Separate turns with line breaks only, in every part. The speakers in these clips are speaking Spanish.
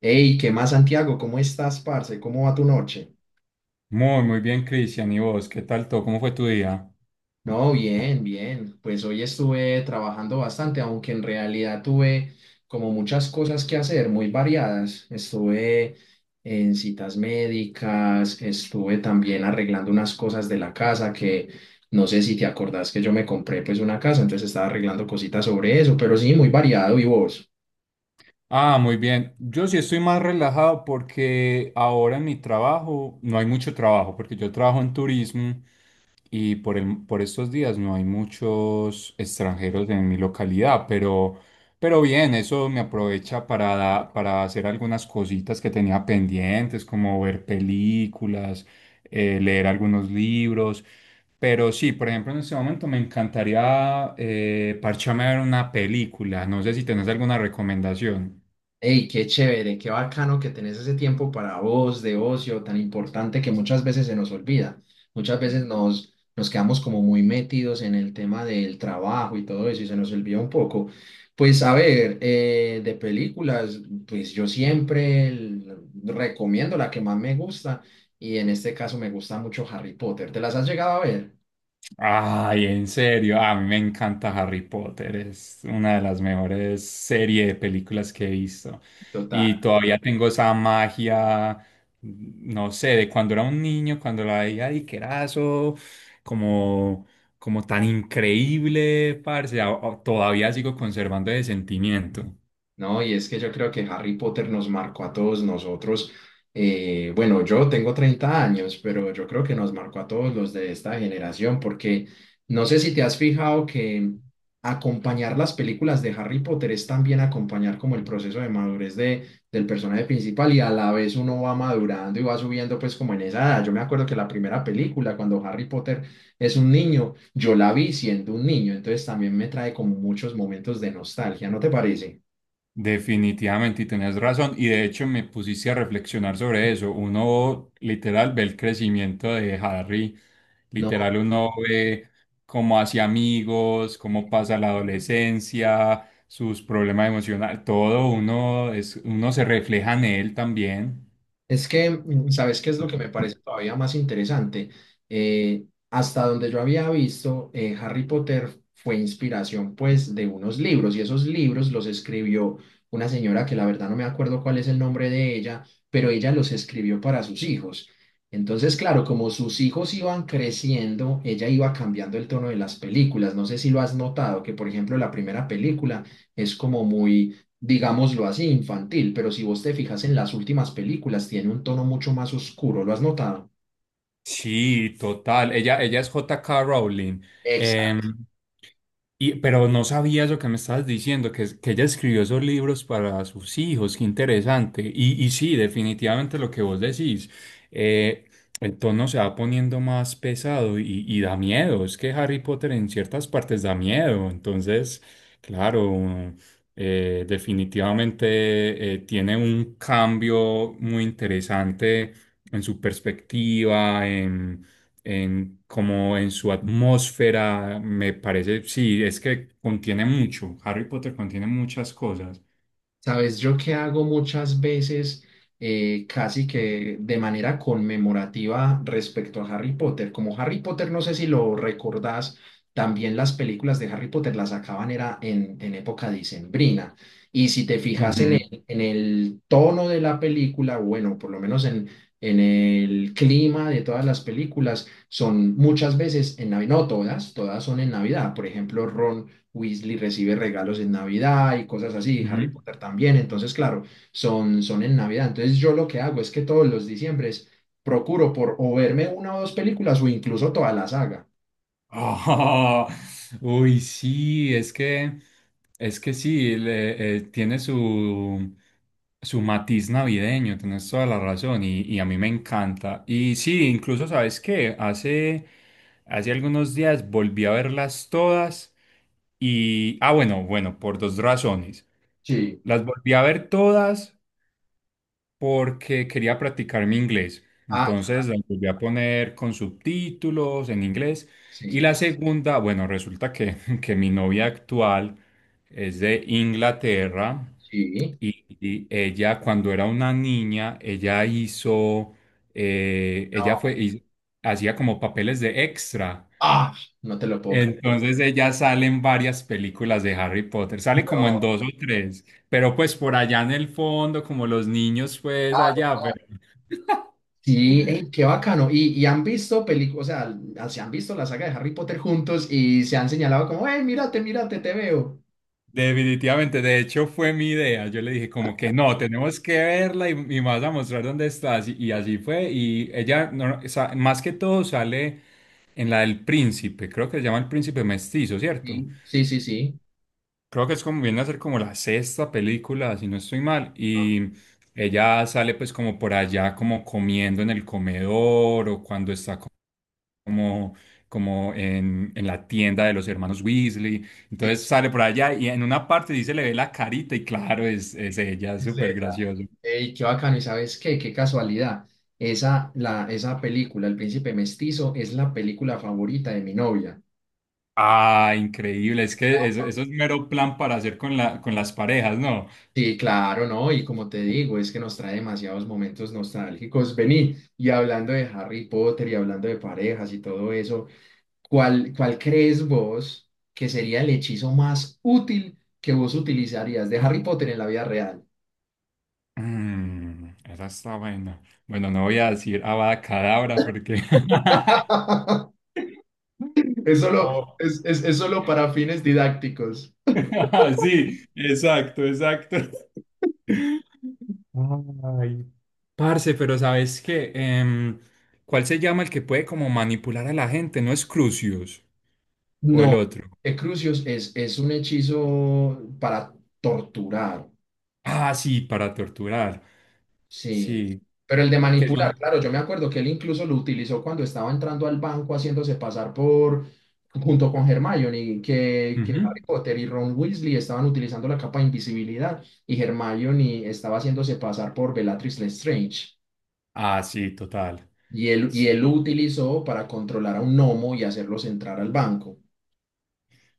Hey, ¿qué más, Santiago? ¿Cómo estás, parce? ¿Cómo va tu noche?
Muy, muy bien, Cristian. ¿Y vos? ¿Qué tal todo? ¿Cómo fue tu día?
No, bien, bien. Pues hoy estuve trabajando bastante, aunque en realidad tuve como muchas cosas que hacer, muy variadas. Estuve en citas médicas, estuve también arreglando unas cosas de la casa que no sé si te acordás que yo me compré pues una casa, entonces estaba arreglando cositas sobre eso, pero sí, muy variado. ¿Y vos?
Ah, muy bien. Yo sí estoy más relajado porque ahora en mi trabajo no hay mucho trabajo, porque yo trabajo en turismo y por estos días no hay muchos extranjeros en mi localidad, pero bien, eso me aprovecha para hacer algunas cositas que tenía pendientes, como ver películas, leer algunos libros. Pero sí, por ejemplo, en este momento me encantaría parcharme a ver una película. No sé si tenés alguna recomendación.
Hey, qué chévere, qué bacano que tenés ese tiempo para vos de ocio tan importante que muchas veces se nos olvida. Muchas veces nos quedamos como muy metidos en el tema del trabajo y todo eso y se nos olvida un poco. Pues a ver, de películas, pues yo siempre recomiendo la que más me gusta y en este caso me gusta mucho Harry Potter. ¿Te las has llegado a ver?
Ay, en serio, a mí me encanta Harry Potter, es una de las mejores series de películas que he visto. Y todavía tengo esa magia, no sé, de cuando era un niño, cuando la veía y que era eso, como, como tan increíble, parce, todavía sigo conservando ese sentimiento.
No, y es que yo creo que Harry Potter nos marcó a todos nosotros. Bueno, yo tengo 30 años, pero yo creo que nos marcó a todos los de esta generación, porque no sé si te has fijado que acompañar las películas de Harry Potter es también acompañar como el proceso de del personaje principal y a la vez uno va madurando y va subiendo pues como en esa edad. Yo me acuerdo que la primera película, cuando Harry Potter es un niño, yo la vi siendo un niño, entonces también me trae como muchos momentos de nostalgia, ¿no te parece?
Definitivamente, y tenés razón, y de hecho me pusiste a reflexionar sobre eso. Uno literal ve el crecimiento de Harry,
No,
literal uno ve cómo hace amigos, cómo pasa la adolescencia, sus problemas emocionales, todo uno es, uno se refleja en él también.
es que, ¿sabes qué es lo que me parece todavía más interesante? Eh, Hasta donde yo había visto, Harry Potter fue inspiración pues de unos libros y esos libros los escribió una señora que la verdad no me acuerdo cuál es el nombre de ella, pero ella los escribió para sus hijos. Entonces, claro, como sus hijos iban creciendo, ella iba cambiando el tono de las películas. No sé si lo has notado, que por ejemplo la primera película es como muy, digámoslo así, infantil, pero si vos te fijas en las últimas películas, tiene un tono mucho más oscuro, ¿lo has notado?
Sí, total. Ella es J.K. Rowling. Em,
Exacto.
Y, pero no sabía eso que me estabas diciendo, que ella escribió esos libros para sus hijos, qué interesante. Y sí, definitivamente lo que vos decís, eh, el tono se va poniendo más pesado y da miedo, es que Harry Potter en ciertas partes da miedo, entonces, claro, definitivamente tiene un cambio muy interesante en su perspectiva, en, como en su atmósfera, me parece, sí, es que contiene mucho, Harry Potter contiene muchas cosas.
Sabes, yo que hago muchas veces, casi que de manera conmemorativa respecto a Harry Potter. Como Harry Potter, no sé si lo recordás, también las películas de Harry Potter las sacaban era en época dicembrina. Y si te fijas en
Ujú,
sí, en el tono de la película, bueno, por lo menos en el clima de todas las películas, son muchas veces en Navidad, no todas, todas son en Navidad. Por ejemplo, Ron Weasley recibe regalos en Navidad y cosas así, Harry
ujú.
Potter también, entonces claro, son en Navidad. Entonces yo lo que hago es que todos los diciembres procuro por o verme una o dos películas o incluso toda la saga.
Ah, uy, sí, es que sí, tiene su, su matiz navideño, tienes toda la razón y a mí me encanta. Y sí, incluso, ¿sabes qué? Hace, hace algunos días volví a verlas todas y, ah, bueno, bueno, por dos razones.
Sí.
Las volví a ver todas porque quería practicar mi inglés.
Ah, yo
Entonces
también.
las volví a poner con subtítulos en inglés. Y
Sí,
la segunda, bueno, resulta que, que mi novia actual es de Inglaterra
sí.
y ella cuando era una niña, ella hizo, ella
No.
fue, hiz- hacía como papeles de extra,
Ah, no te lo
entonces de ella sale en varias películas de Harry Potter, sale como en
No.
dos o tres, pero pues por allá en el fondo, como los niños pues allá, pero
Sí, ey, qué bacano. Y han visto películas, o sea, ah, se han visto la saga de Harry Potter juntos y se han señalado como, hey, mírate, mírate, te veo.
definitivamente, de hecho fue mi idea, yo le dije como que no, tenemos que verla y me vas a mostrar dónde estás y así fue y ella no- no, sa- más que todo sale en la del príncipe, creo que se llama el príncipe mestizo, ¿cierto?
Sí, sí, sí, sí.
Creo que es como viene a ser como la sexta película, si no estoy mal, y ella sale pues como por allá como comiendo en el comedor o cuando está co- como, como en la tienda de los hermanos Weasley,
Sí.
entonces sale por allá y en una parte sí se le ve la carita y claro, es ella, es
Es de
súper
ella.
gracioso.
Ey, qué bacano, ¿y sabes qué? Qué casualidad. Esa, la, esa película, El Príncipe Mestizo, es la película favorita de mi novia.
Ah, increíble, es que eso es mero plan para hacer con la, con las parejas, ¿no?
Sí, claro, ¿no? Y como te digo, es que nos trae demasiados momentos nostálgicos. Vení, y hablando de Harry Potter y hablando de parejas y todo eso, ¿cuál, cuál crees vos que sería el hechizo más útil que vos utilizarías de Harry Potter en la vida real?
Mm, esa está buena. Bueno, no voy a decir Avada Kedavra porque...
Es solo,
Oh.
es solo para fines didácticos.
Sí, exacto, exacto. Ay. Parce, pero ¿sabes qué? ¿Cuál se llama el que puede como manipular a la gente? ¿No es Crucius? ¿O el
No,
otro?
Crucius es un hechizo para torturar,
Ah, sí, para torturar.
sí.
Sí.
Pero el de
que
manipular,
son?
claro, yo me acuerdo que él incluso lo utilizó cuando estaba entrando al banco haciéndose pasar por, junto con Hermione, que
Ujú.
Harry Potter y Ron Weasley estaban utilizando la capa de invisibilidad y Hermione estaba haciéndose pasar por Bellatrix Lestrange.
Ah, sí, total.
Y él lo
Sí,
utilizó para controlar a un gnomo y hacerlos entrar al banco.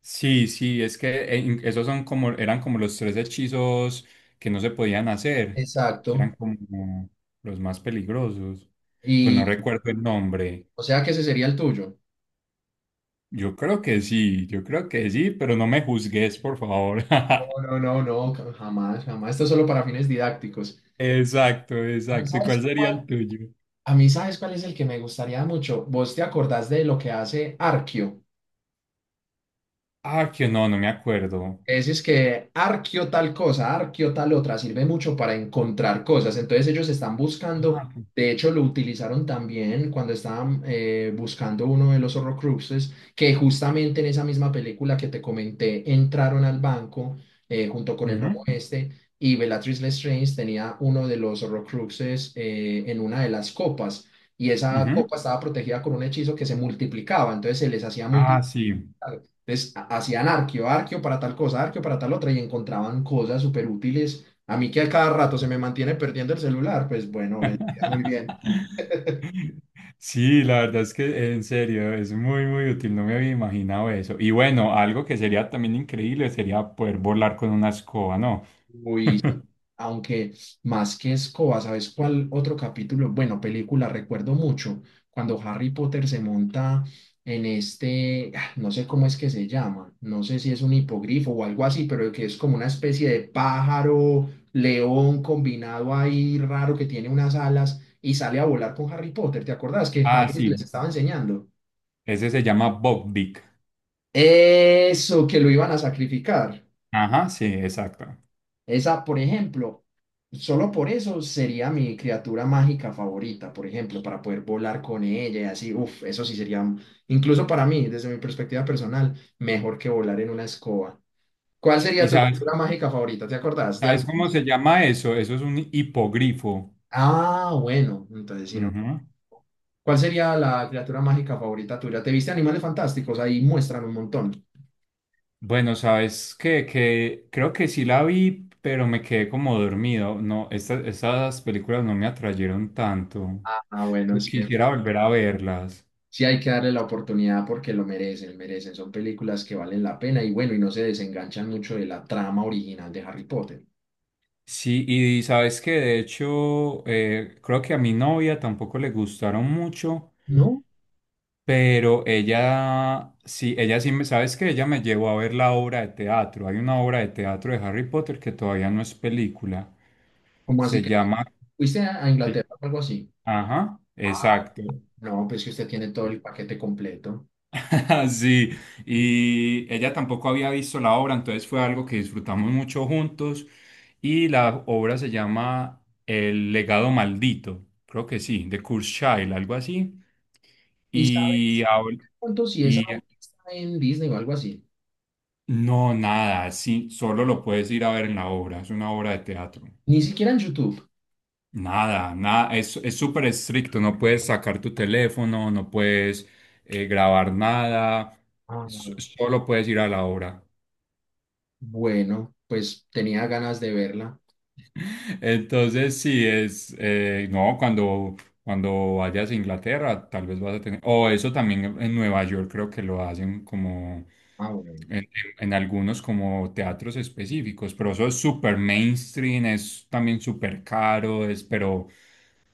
sí, sí, esos son como, eran como los tres hechizos que no se podían hacer, que
Exacto.
eran como los más peligrosos. Pues no
Y
recuerdo el nombre.
o sea que ese sería el tuyo.
Yo creo que sí, yo creo que sí, pero no me juzgues, por favor.
No, no, no, no, jamás, jamás. Esto es solo para fines didácticos.
Exacto,
A mí,
exacto. ¿Y cuál
¿sabes
sería
cuál?
el tuyo?
A mí, ¿sabes cuál es el que me gustaría mucho? ¿Vos te acordás de lo que hace Arquio?
Ah, que no, no me acuerdo.
Decís que arqueo tal cosa, arqueo tal otra, sirve mucho para encontrar cosas. Entonces ellos están buscando,
Ah, que-
de hecho lo utilizaron también cuando estaban buscando uno de los Horrocruxes, que justamente en esa misma película que te comenté, entraron al banco junto con el gnomo
ujú,
este y Bellatrix Lestrange tenía uno de los Horrocruxes en una de las copas. Y esa
ujú.
copa estaba protegida con un hechizo que se multiplicaba, entonces se les hacía
Ah,
muy...
sí.
Claro. Entonces hacían arqueo, arqueo para tal cosa, arqueo para tal otra y encontraban cosas súper útiles. A mí que a cada rato se me mantiene perdiendo el celular, pues bueno, vendría muy bien.
Sí, la verdad es que en serio es muy, muy útil. No me había imaginado eso. Y bueno, algo que sería también increíble sería poder volar con una escoba, ¿no?
Muy... Aunque más que escoba, ¿sabes cuál otro capítulo? Bueno, película, recuerdo mucho cuando Harry Potter se monta en este, ah, no sé cómo es que se llama, no sé si es un hipogrifo o algo así, pero que es como una especie de pájaro, león combinado ahí raro que tiene unas alas y sale a volar con Harry Potter. ¿Te acordás que
Ah,
Hagrid les
sí.
estaba enseñando?
Ese se llama Bob Dick.
Eso, que lo iban a sacrificar.
Ajá, sí, exacto.
Esa, por ejemplo, solo por eso sería mi criatura mágica favorita, por ejemplo, para poder volar con ella y así, uff, eso sí sería, incluso para mí, desde mi perspectiva personal, mejor que volar en una escoba. ¿Cuál sería
¿Y
tu
sabes?
criatura mágica favorita? ¿Te acordás de
¿Sabes
alguna?
cómo se llama eso? Eso es un hipogrifo.
Ah, bueno, entonces sí, no.
Ujú.
¿Cuál sería la criatura mágica favorita tuya? ¿Te viste Animales Fantásticos? Ahí muestran un montón.
Bueno, sabes que creo que sí la vi, pero me quedé como dormido. No, estas, esas películas no me atrayeron tanto.
Ah, bueno,
Yo
sí.
quisiera volver a verlas.
Sí, hay que darle la oportunidad porque lo merecen, merecen. Son películas que valen la pena y bueno, y no se desenganchan mucho de la trama original de Harry Potter.
Sí, y sabes que de hecho, creo que a mi novia tampoco le gustaron mucho.
¿No?
Pero ella, sí, sabes que ella me llevó a ver la obra de teatro. Hay una obra de teatro de Harry Potter que todavía no es película.
¿Cómo así
Se
que
llama...
fuiste a Inglaterra o algo así?
Ajá,
Ah,
exacto.
no, pues que usted tiene todo el paquete completo.
Sí, y ella tampoco había visto la obra, entonces fue algo que disfrutamos mucho juntos. Y la obra se llama El legado maldito, creo que sí, de Kurzweil, algo así.
¿Y
Y,
sabes
habla-
cuánto si esa
y
obra está en Disney o algo así?
no, nada, sí, solo lo puedes ir a ver en la obra, es una obra de teatro.
Ni siquiera en YouTube.
Nada, nada, es súper estricto, no puedes sacar tu teléfono, no puedes grabar nada,
Ah,
solo puedes ir a la obra.
bueno, pues tenía ganas de verla.
Entonces, sí, no, cuando, cuando vayas a Inglaterra, tal vez vas a tener, o eso también en Nueva York creo que lo hacen como...
Ah, bueno.
en, en algunos como teatros específicos, pero eso es súper mainstream, es también súper caro, es,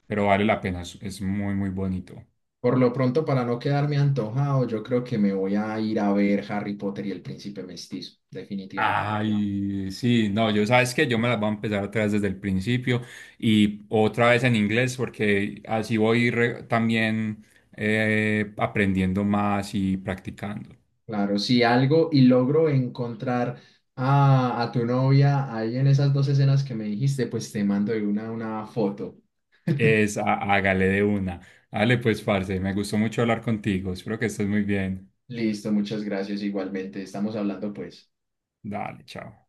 pero vale la pena, es muy, muy bonito.
Por lo pronto, para no quedarme antojado, yo creo que me voy a ir a ver Harry Potter y el Príncipe Mestizo, definitivamente.
Ay, sí, no, yo sabes que yo me las voy a empezar otra vez desde el principio y otra vez en inglés porque así también aprendiendo más y practicando.
Claro, si algo y logro encontrar a tu novia ahí en esas dos escenas que me dijiste, pues te mando una foto.
Hágale de una. Dale, pues, parce, me gustó mucho hablar contigo. Espero que estés muy bien.
Listo, muchas gracias igualmente. Estamos hablando pues.
Dale, chao.